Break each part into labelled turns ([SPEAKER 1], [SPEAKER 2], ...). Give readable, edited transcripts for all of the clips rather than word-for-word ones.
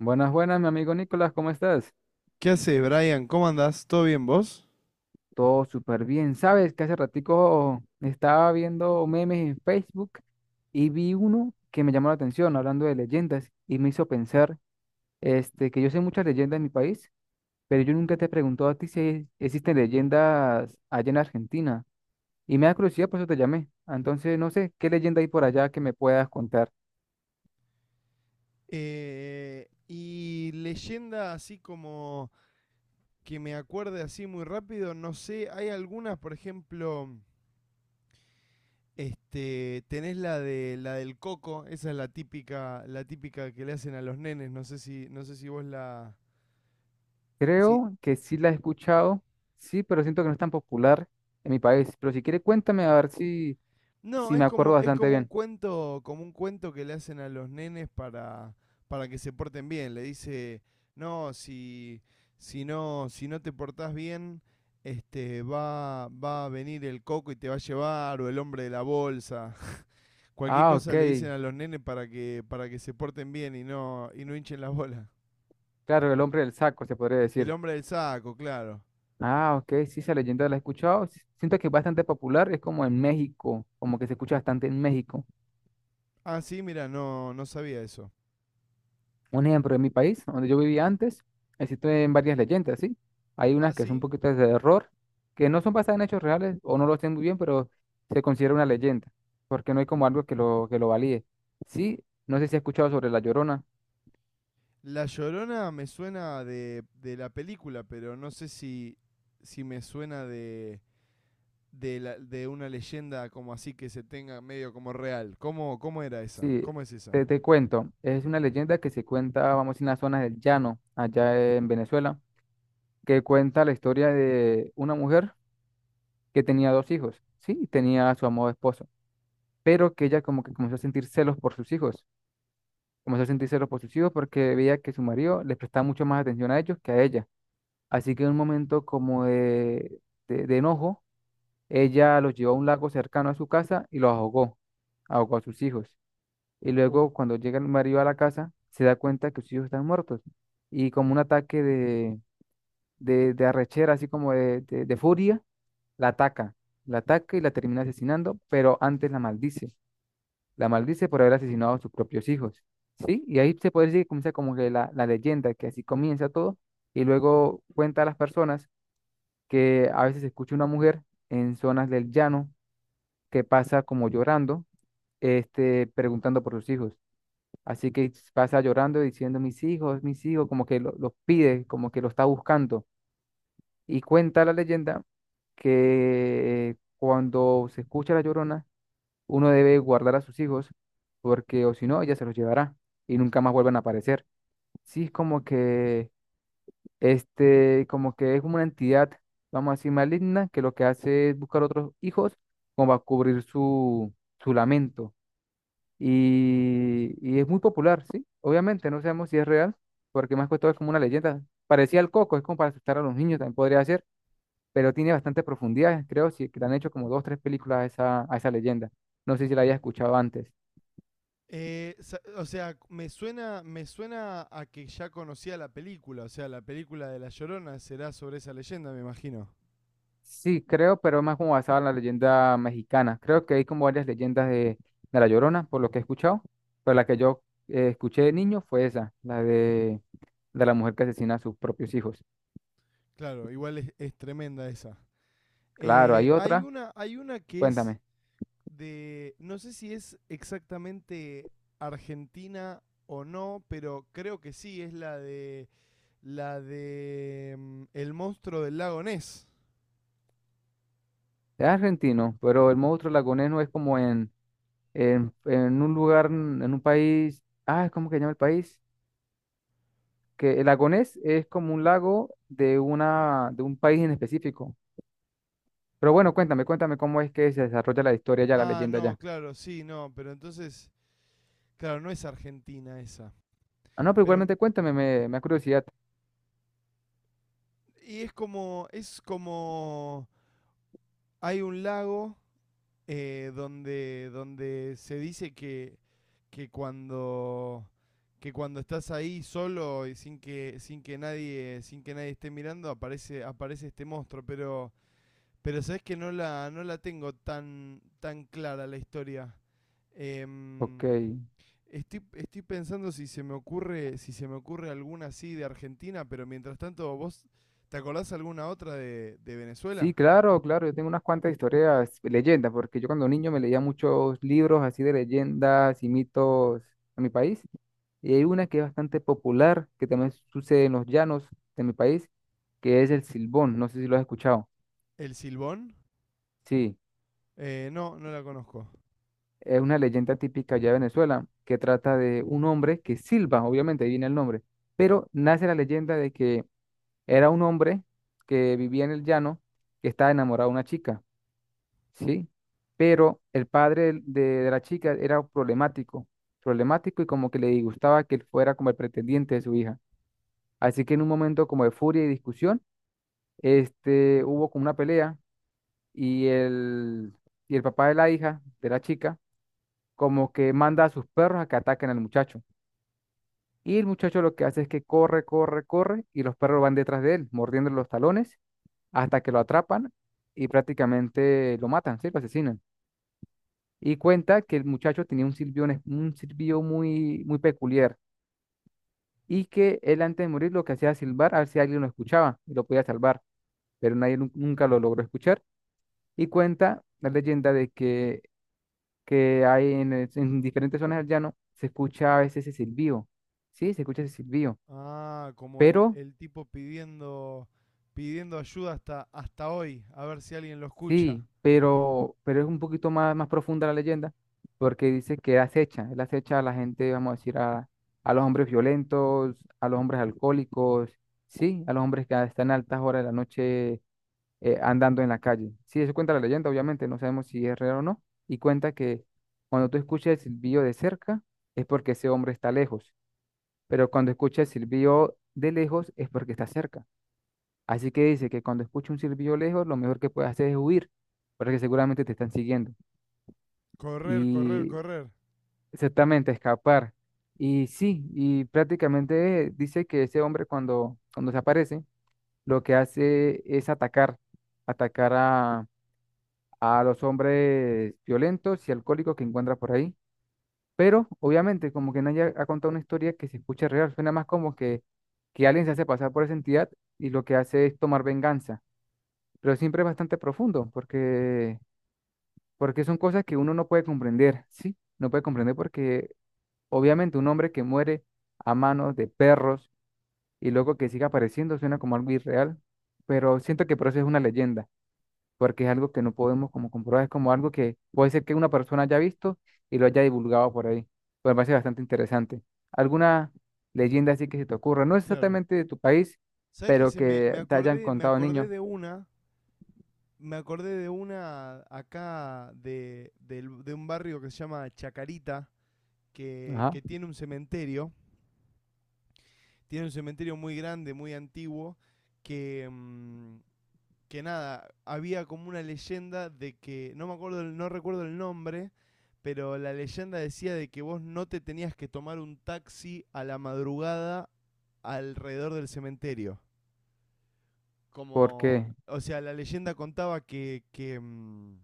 [SPEAKER 1] Buenas, buenas, mi amigo Nicolás, ¿cómo estás?
[SPEAKER 2] ¿Qué haces, Brian? ¿Cómo andás? ¿Todo bien vos?
[SPEAKER 1] Todo súper bien. Sabes que hace ratico estaba viendo memes en Facebook y vi uno que me llamó la atención hablando de leyendas y me hizo pensar, que yo sé muchas leyendas en mi país, pero yo nunca te he preguntado a ti si existen leyendas allá en Argentina. Y me da curiosidad, por eso te llamé. Entonces, no sé, ¿qué leyenda hay por allá que me puedas contar?
[SPEAKER 2] Y leyenda así como que me acuerde así muy rápido, no sé, hay algunas, por ejemplo, este, tenés la del coco, esa es la típica que le hacen a los nenes, no sé si vos la, si,
[SPEAKER 1] Creo que sí la he escuchado, sí, pero siento que no es tan popular en mi país. Pero si quiere, cuéntame a ver si.
[SPEAKER 2] No,
[SPEAKER 1] Sí, me acuerdo
[SPEAKER 2] es
[SPEAKER 1] bastante bien.
[SPEAKER 2] como un cuento que le hacen a los nenes para que se porten bien. Le dice, no, si, si no, si no te portás bien, este, va a venir el coco y te va a llevar, o el hombre de la bolsa. Cualquier
[SPEAKER 1] Ah, ok.
[SPEAKER 2] cosa le dicen a los nenes para que se porten bien y no hinchen las bolas.
[SPEAKER 1] Claro, el hombre del saco, se podría
[SPEAKER 2] El
[SPEAKER 1] decir.
[SPEAKER 2] hombre del saco, claro.
[SPEAKER 1] Ah, ok. Sí, esa leyenda la he escuchado. Siento que es bastante popular. Es como en México, como que se escucha bastante en México.
[SPEAKER 2] Ah, sí, mira, no sabía eso.
[SPEAKER 1] Un ejemplo, en mi país, donde yo vivía antes, existen varias leyendas, ¿sí? Hay
[SPEAKER 2] Ah,
[SPEAKER 1] unas que son un
[SPEAKER 2] sí.
[SPEAKER 1] poquito de error, que no son basadas en hechos reales o no lo sé muy bien, pero se considera una leyenda, porque no hay como algo que lo valide. Sí, no sé si has escuchado sobre La Llorona.
[SPEAKER 2] La Llorona me suena de la película, pero no sé si, si me suena de, la- de una leyenda como así que se tenga medio como real. ¿Cómo, cómo era esa?
[SPEAKER 1] Sí,
[SPEAKER 2] ¿Cómo es esa?
[SPEAKER 1] te cuento, es una leyenda que se cuenta, vamos, en las zonas del llano, allá en Venezuela, que cuenta la historia de una mujer que tenía dos hijos, sí, y tenía a su amado esposo, pero que ella como que comenzó a sentir celos por sus hijos, comenzó a sentir celos por sus hijos porque veía que su marido les prestaba mucho más atención a ellos que a ella. Así que en un momento como de enojo, ella los llevó a un lago cercano a su casa y los ahogó, ahogó a sus hijos. Y
[SPEAKER 2] Oh.
[SPEAKER 1] luego cuando llega el marido a la casa, se da cuenta que sus hijos están muertos. Y como un ataque de arrechera, así como de furia, la ataca. La ataca y la termina asesinando, pero antes la maldice. La maldice por haber asesinado a sus propios hijos. ¿Sí? Y ahí se puede decir que comienza como que la leyenda, que así comienza todo. Y luego cuenta a las personas que a veces se escucha una mujer en zonas del llano que pasa como llorando, preguntando por sus hijos. Así que pasa llorando diciendo, mis hijos, como que los pide, como que lo está buscando. Y cuenta la leyenda que cuando se escucha la llorona, uno debe guardar a sus hijos, porque o si no, ella se los llevará y nunca más vuelven a aparecer. Sí, es como que, como que es como una entidad, vamos a decir, maligna, que lo que hace es buscar otros hijos como a cubrir su lamento y es muy popular, ¿sí? Obviamente, no sabemos si es real, porque más que todo es como una leyenda. Parecía el Coco, es como para asustar a los niños, también podría ser, pero tiene bastante profundidad, creo, sí, que le han hecho como dos, tres películas a esa leyenda. No sé si la había escuchado antes.
[SPEAKER 2] Sa- o sea, me suena a que ya conocía la película, o sea, la película de La Llorona será sobre esa leyenda, me imagino.
[SPEAKER 1] Sí, creo, pero más como basada en la leyenda mexicana. Creo que hay como varias leyendas de La Llorona, por lo que he escuchado, pero la que yo escuché de niño fue esa, la de la mujer que asesina a sus propios hijos.
[SPEAKER 2] Claro, igual es tremenda esa.
[SPEAKER 1] Claro, hay otra,
[SPEAKER 2] Hay una que es
[SPEAKER 1] cuéntame.
[SPEAKER 2] de, no sé si es exactamente Argentina o no, pero creo que sí, es la de El monstruo del lago Ness.
[SPEAKER 1] Es argentino, pero el monstruo lagonés es como en, en un lugar, en un país. Ah, ¿cómo que se llama el país? Que el lagonés es como un lago de, una, de un país en específico. Pero bueno, cuéntame, cuéntame cómo es que se desarrolla la historia ya, la
[SPEAKER 2] Ah,
[SPEAKER 1] leyenda
[SPEAKER 2] no,
[SPEAKER 1] ya.
[SPEAKER 2] claro, sí, no, pero entonces, claro, no es Argentina esa.
[SPEAKER 1] Ah, no, pero
[SPEAKER 2] Pero,
[SPEAKER 1] igualmente cuéntame, me da curiosidad.
[SPEAKER 2] y es como, hay un lago donde, donde se dice que cuando que cuando estás ahí solo y sin que nadie esté mirando aparece este monstruo, pero sabes que no la tengo tan clara la historia.
[SPEAKER 1] Ok.
[SPEAKER 2] Em, Estoy, estoy pensando si se me ocurre alguna así de Argentina, pero mientras tanto vos te acordás alguna otra de
[SPEAKER 1] Sí,
[SPEAKER 2] Venezuela.
[SPEAKER 1] claro, claro, yo tengo unas cuantas historias, leyendas, porque yo cuando niño me leía muchos libros así de leyendas y mitos a mi país, y hay una que es bastante popular, que también sucede en los llanos de mi país, que es el Silbón, no sé si lo has escuchado.
[SPEAKER 2] El silbón.
[SPEAKER 1] Sí,
[SPEAKER 2] No la conozco.
[SPEAKER 1] es una leyenda típica allá de Venezuela, que trata de un hombre que silba, obviamente, ahí viene el nombre, pero nace la leyenda de que era un hombre que vivía en el llano, que estaba enamorado de una chica, ¿sí? Pero el padre de la chica era problemático, problemático y como que le disgustaba que él fuera como el pretendiente de su hija. Así que en un momento como de furia y discusión, hubo como una pelea y el, y el papá de la hija, de la chica, como que manda a sus perros a que ataquen al muchacho. Y el muchacho lo que hace es que corre, corre, corre y los perros van detrás de él, mordiendo los talones hasta que lo atrapan y prácticamente lo matan, ¿sí? Lo asesinan. Y cuenta que el muchacho tenía un silbido, un silbido muy, muy peculiar y que él antes de morir lo que hacía era silbar a ver si alguien lo escuchaba y lo podía salvar, pero nadie nu- nunca lo logró escuchar. Y cuenta la leyenda de que hay en diferentes zonas del llano se escucha a veces ese silbido, sí, se escucha ese silbido,
[SPEAKER 2] Ah, como
[SPEAKER 1] pero.
[SPEAKER 2] el tipo pidiendo, pidiendo ayuda hasta, hasta hoy, a ver si alguien lo escucha.
[SPEAKER 1] Sí, pero es un poquito más, más profunda la leyenda, porque dice que él acecha a la gente, vamos a decir, a los hombres violentos, a los hombres alcohólicos, sí, a los hombres que están a altas horas de la noche andando en la calle. Sí, eso cuenta la leyenda, obviamente, no sabemos si es real o no, y cuenta que cuando tú escuchas el silbido de cerca es porque ese hombre está lejos, pero cuando escuchas el silbido de lejos es porque está cerca. Así que dice que cuando escucha un silbido lejos, lo mejor que puede hacer es huir, porque seguramente te están siguiendo.
[SPEAKER 2] Correr, correr,
[SPEAKER 1] Y
[SPEAKER 2] correr.
[SPEAKER 1] exactamente, escapar. Y sí, y prácticamente dice que ese hombre cuando se aparece, lo que hace es atacar, atacar a los hombres violentos y alcohólicos que encuentra por ahí. Pero obviamente, como que nadie ha contado una historia que se escucha real, suena más como que alguien se hace pasar por esa entidad y lo que hace es tomar venganza, pero siempre es bastante profundo porque, porque son cosas que uno no puede comprender, ¿sí? No puede comprender porque obviamente un hombre que muere a manos de perros y luego que siga apareciendo suena como algo irreal, pero siento que por eso es una leyenda, porque es algo que no podemos como comprobar, es como algo que puede ser que una persona haya visto y lo haya divulgado por ahí. Pues me parece bastante interesante. ¿Alguna leyenda así que se te ocurra? No
[SPEAKER 2] Claro.
[SPEAKER 1] exactamente de tu país,
[SPEAKER 2] ¿Sabes qué?
[SPEAKER 1] pero que te hayan
[SPEAKER 2] Me
[SPEAKER 1] contado
[SPEAKER 2] acordé
[SPEAKER 1] niños.
[SPEAKER 2] de una, me acordé de una acá de, del- de un barrio que se llama Chacarita,
[SPEAKER 1] Ajá.
[SPEAKER 2] que tiene un cementerio muy grande, muy antiguo, que, mm, que nada, había como una leyenda de que, no me acuerdo, no recuerdo el nombre, pero la leyenda decía de que vos no te tenías que tomar un taxi a la madrugada alrededor del cementerio.
[SPEAKER 1] ¿Por
[SPEAKER 2] Como,
[SPEAKER 1] qué?
[SPEAKER 2] o sea, la leyenda contaba que, mm,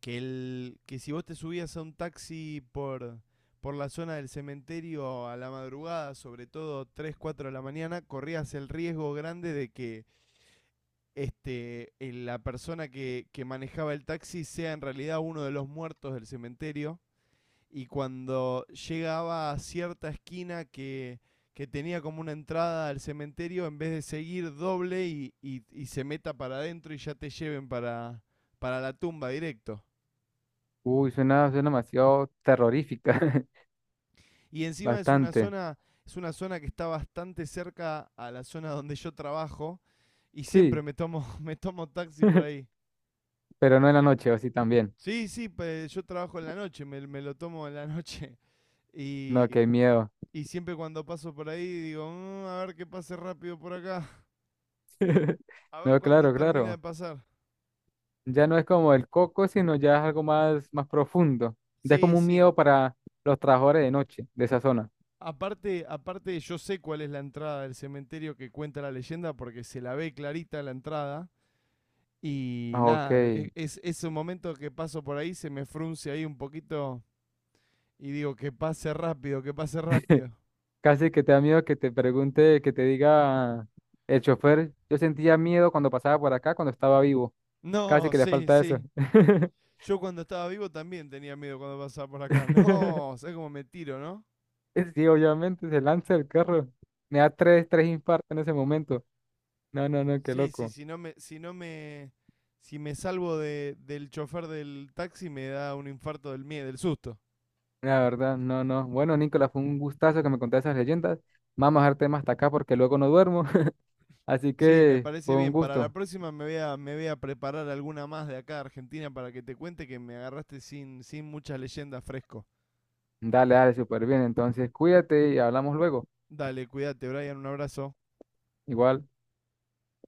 [SPEAKER 2] que, el, que si vos te subías a un taxi por la zona del cementerio a la madrugada, sobre todo 3 4 de la mañana, corrías el riesgo grande de que este, la persona que manejaba el taxi sea en realidad uno de los muertos del cementerio. Y cuando llegaba a cierta esquina que tenía como una entrada al cementerio, en vez de seguir doble y se meta para adentro y ya te lleven para la tumba directo.
[SPEAKER 1] Uy, suena, suena demasiado terrorífica,
[SPEAKER 2] Y encima
[SPEAKER 1] bastante.
[SPEAKER 2] es una zona que está bastante cerca a la zona donde yo trabajo y siempre
[SPEAKER 1] Sí,
[SPEAKER 2] me tomo, me tomo taxi por ahí.
[SPEAKER 1] pero no en la noche, o sí también.
[SPEAKER 2] Sí, sí, pe- yo trabajo en la noche, me lo tomo en la noche.
[SPEAKER 1] No, qué
[SPEAKER 2] Y,
[SPEAKER 1] miedo.
[SPEAKER 2] y siempre cuando paso por ahí digo, "Mm, a ver que pase rápido por acá, a ver
[SPEAKER 1] No,
[SPEAKER 2] cuándo
[SPEAKER 1] claro,
[SPEAKER 2] termina de
[SPEAKER 1] claro.
[SPEAKER 2] pasar".
[SPEAKER 1] Ya no es como el coco, sino ya es algo más, más profundo. Ya es
[SPEAKER 2] Sí,
[SPEAKER 1] como un
[SPEAKER 2] sí.
[SPEAKER 1] miedo para los trabajadores de noche de esa zona.
[SPEAKER 2] Aparte, aparte yo sé cuál es la entrada del cementerio que cuenta la leyenda porque se la ve clarita la entrada. Y
[SPEAKER 1] Ah, ok.
[SPEAKER 2] nada, e- es un momento que paso por ahí, se me frunce ahí un poquito y digo, que pase rápido, que pase rápido.
[SPEAKER 1] Casi que te da miedo que te pregunte, que te diga el chofer. Yo sentía miedo cuando pasaba por acá, cuando estaba vivo. Casi
[SPEAKER 2] No,
[SPEAKER 1] que le
[SPEAKER 2] sí,
[SPEAKER 1] falta eso.
[SPEAKER 2] sí. Yo cuando estaba vivo también tenía miedo cuando pasaba por acá. No, ¿sabes cómo me tiro, no?
[SPEAKER 1] Sí, obviamente, se lanza el carro. Me da tres, tres infartos en ese momento. No, no, no, qué
[SPEAKER 2] Sí, sí,
[SPEAKER 1] loco.
[SPEAKER 2] si no me, si me salvo de, del chofer del taxi me da un infarto del miedo, del susto.
[SPEAKER 1] La verdad, no, no. Bueno, Nicolás, fue un gustazo que me contaste esas leyendas. Vamos a dejar temas hasta acá porque luego no duermo. Así
[SPEAKER 2] Sí, me
[SPEAKER 1] que
[SPEAKER 2] parece
[SPEAKER 1] fue un
[SPEAKER 2] bien. Para la
[SPEAKER 1] gusto.
[SPEAKER 2] próxima me voy a preparar alguna más de acá de Argentina para que te cuente que me agarraste sin, sin muchas leyendas fresco.
[SPEAKER 1] Dale, dale, súper bien. Entonces, cuídate y hablamos luego.
[SPEAKER 2] Dale, cuídate, Brian, un abrazo.
[SPEAKER 1] Igual.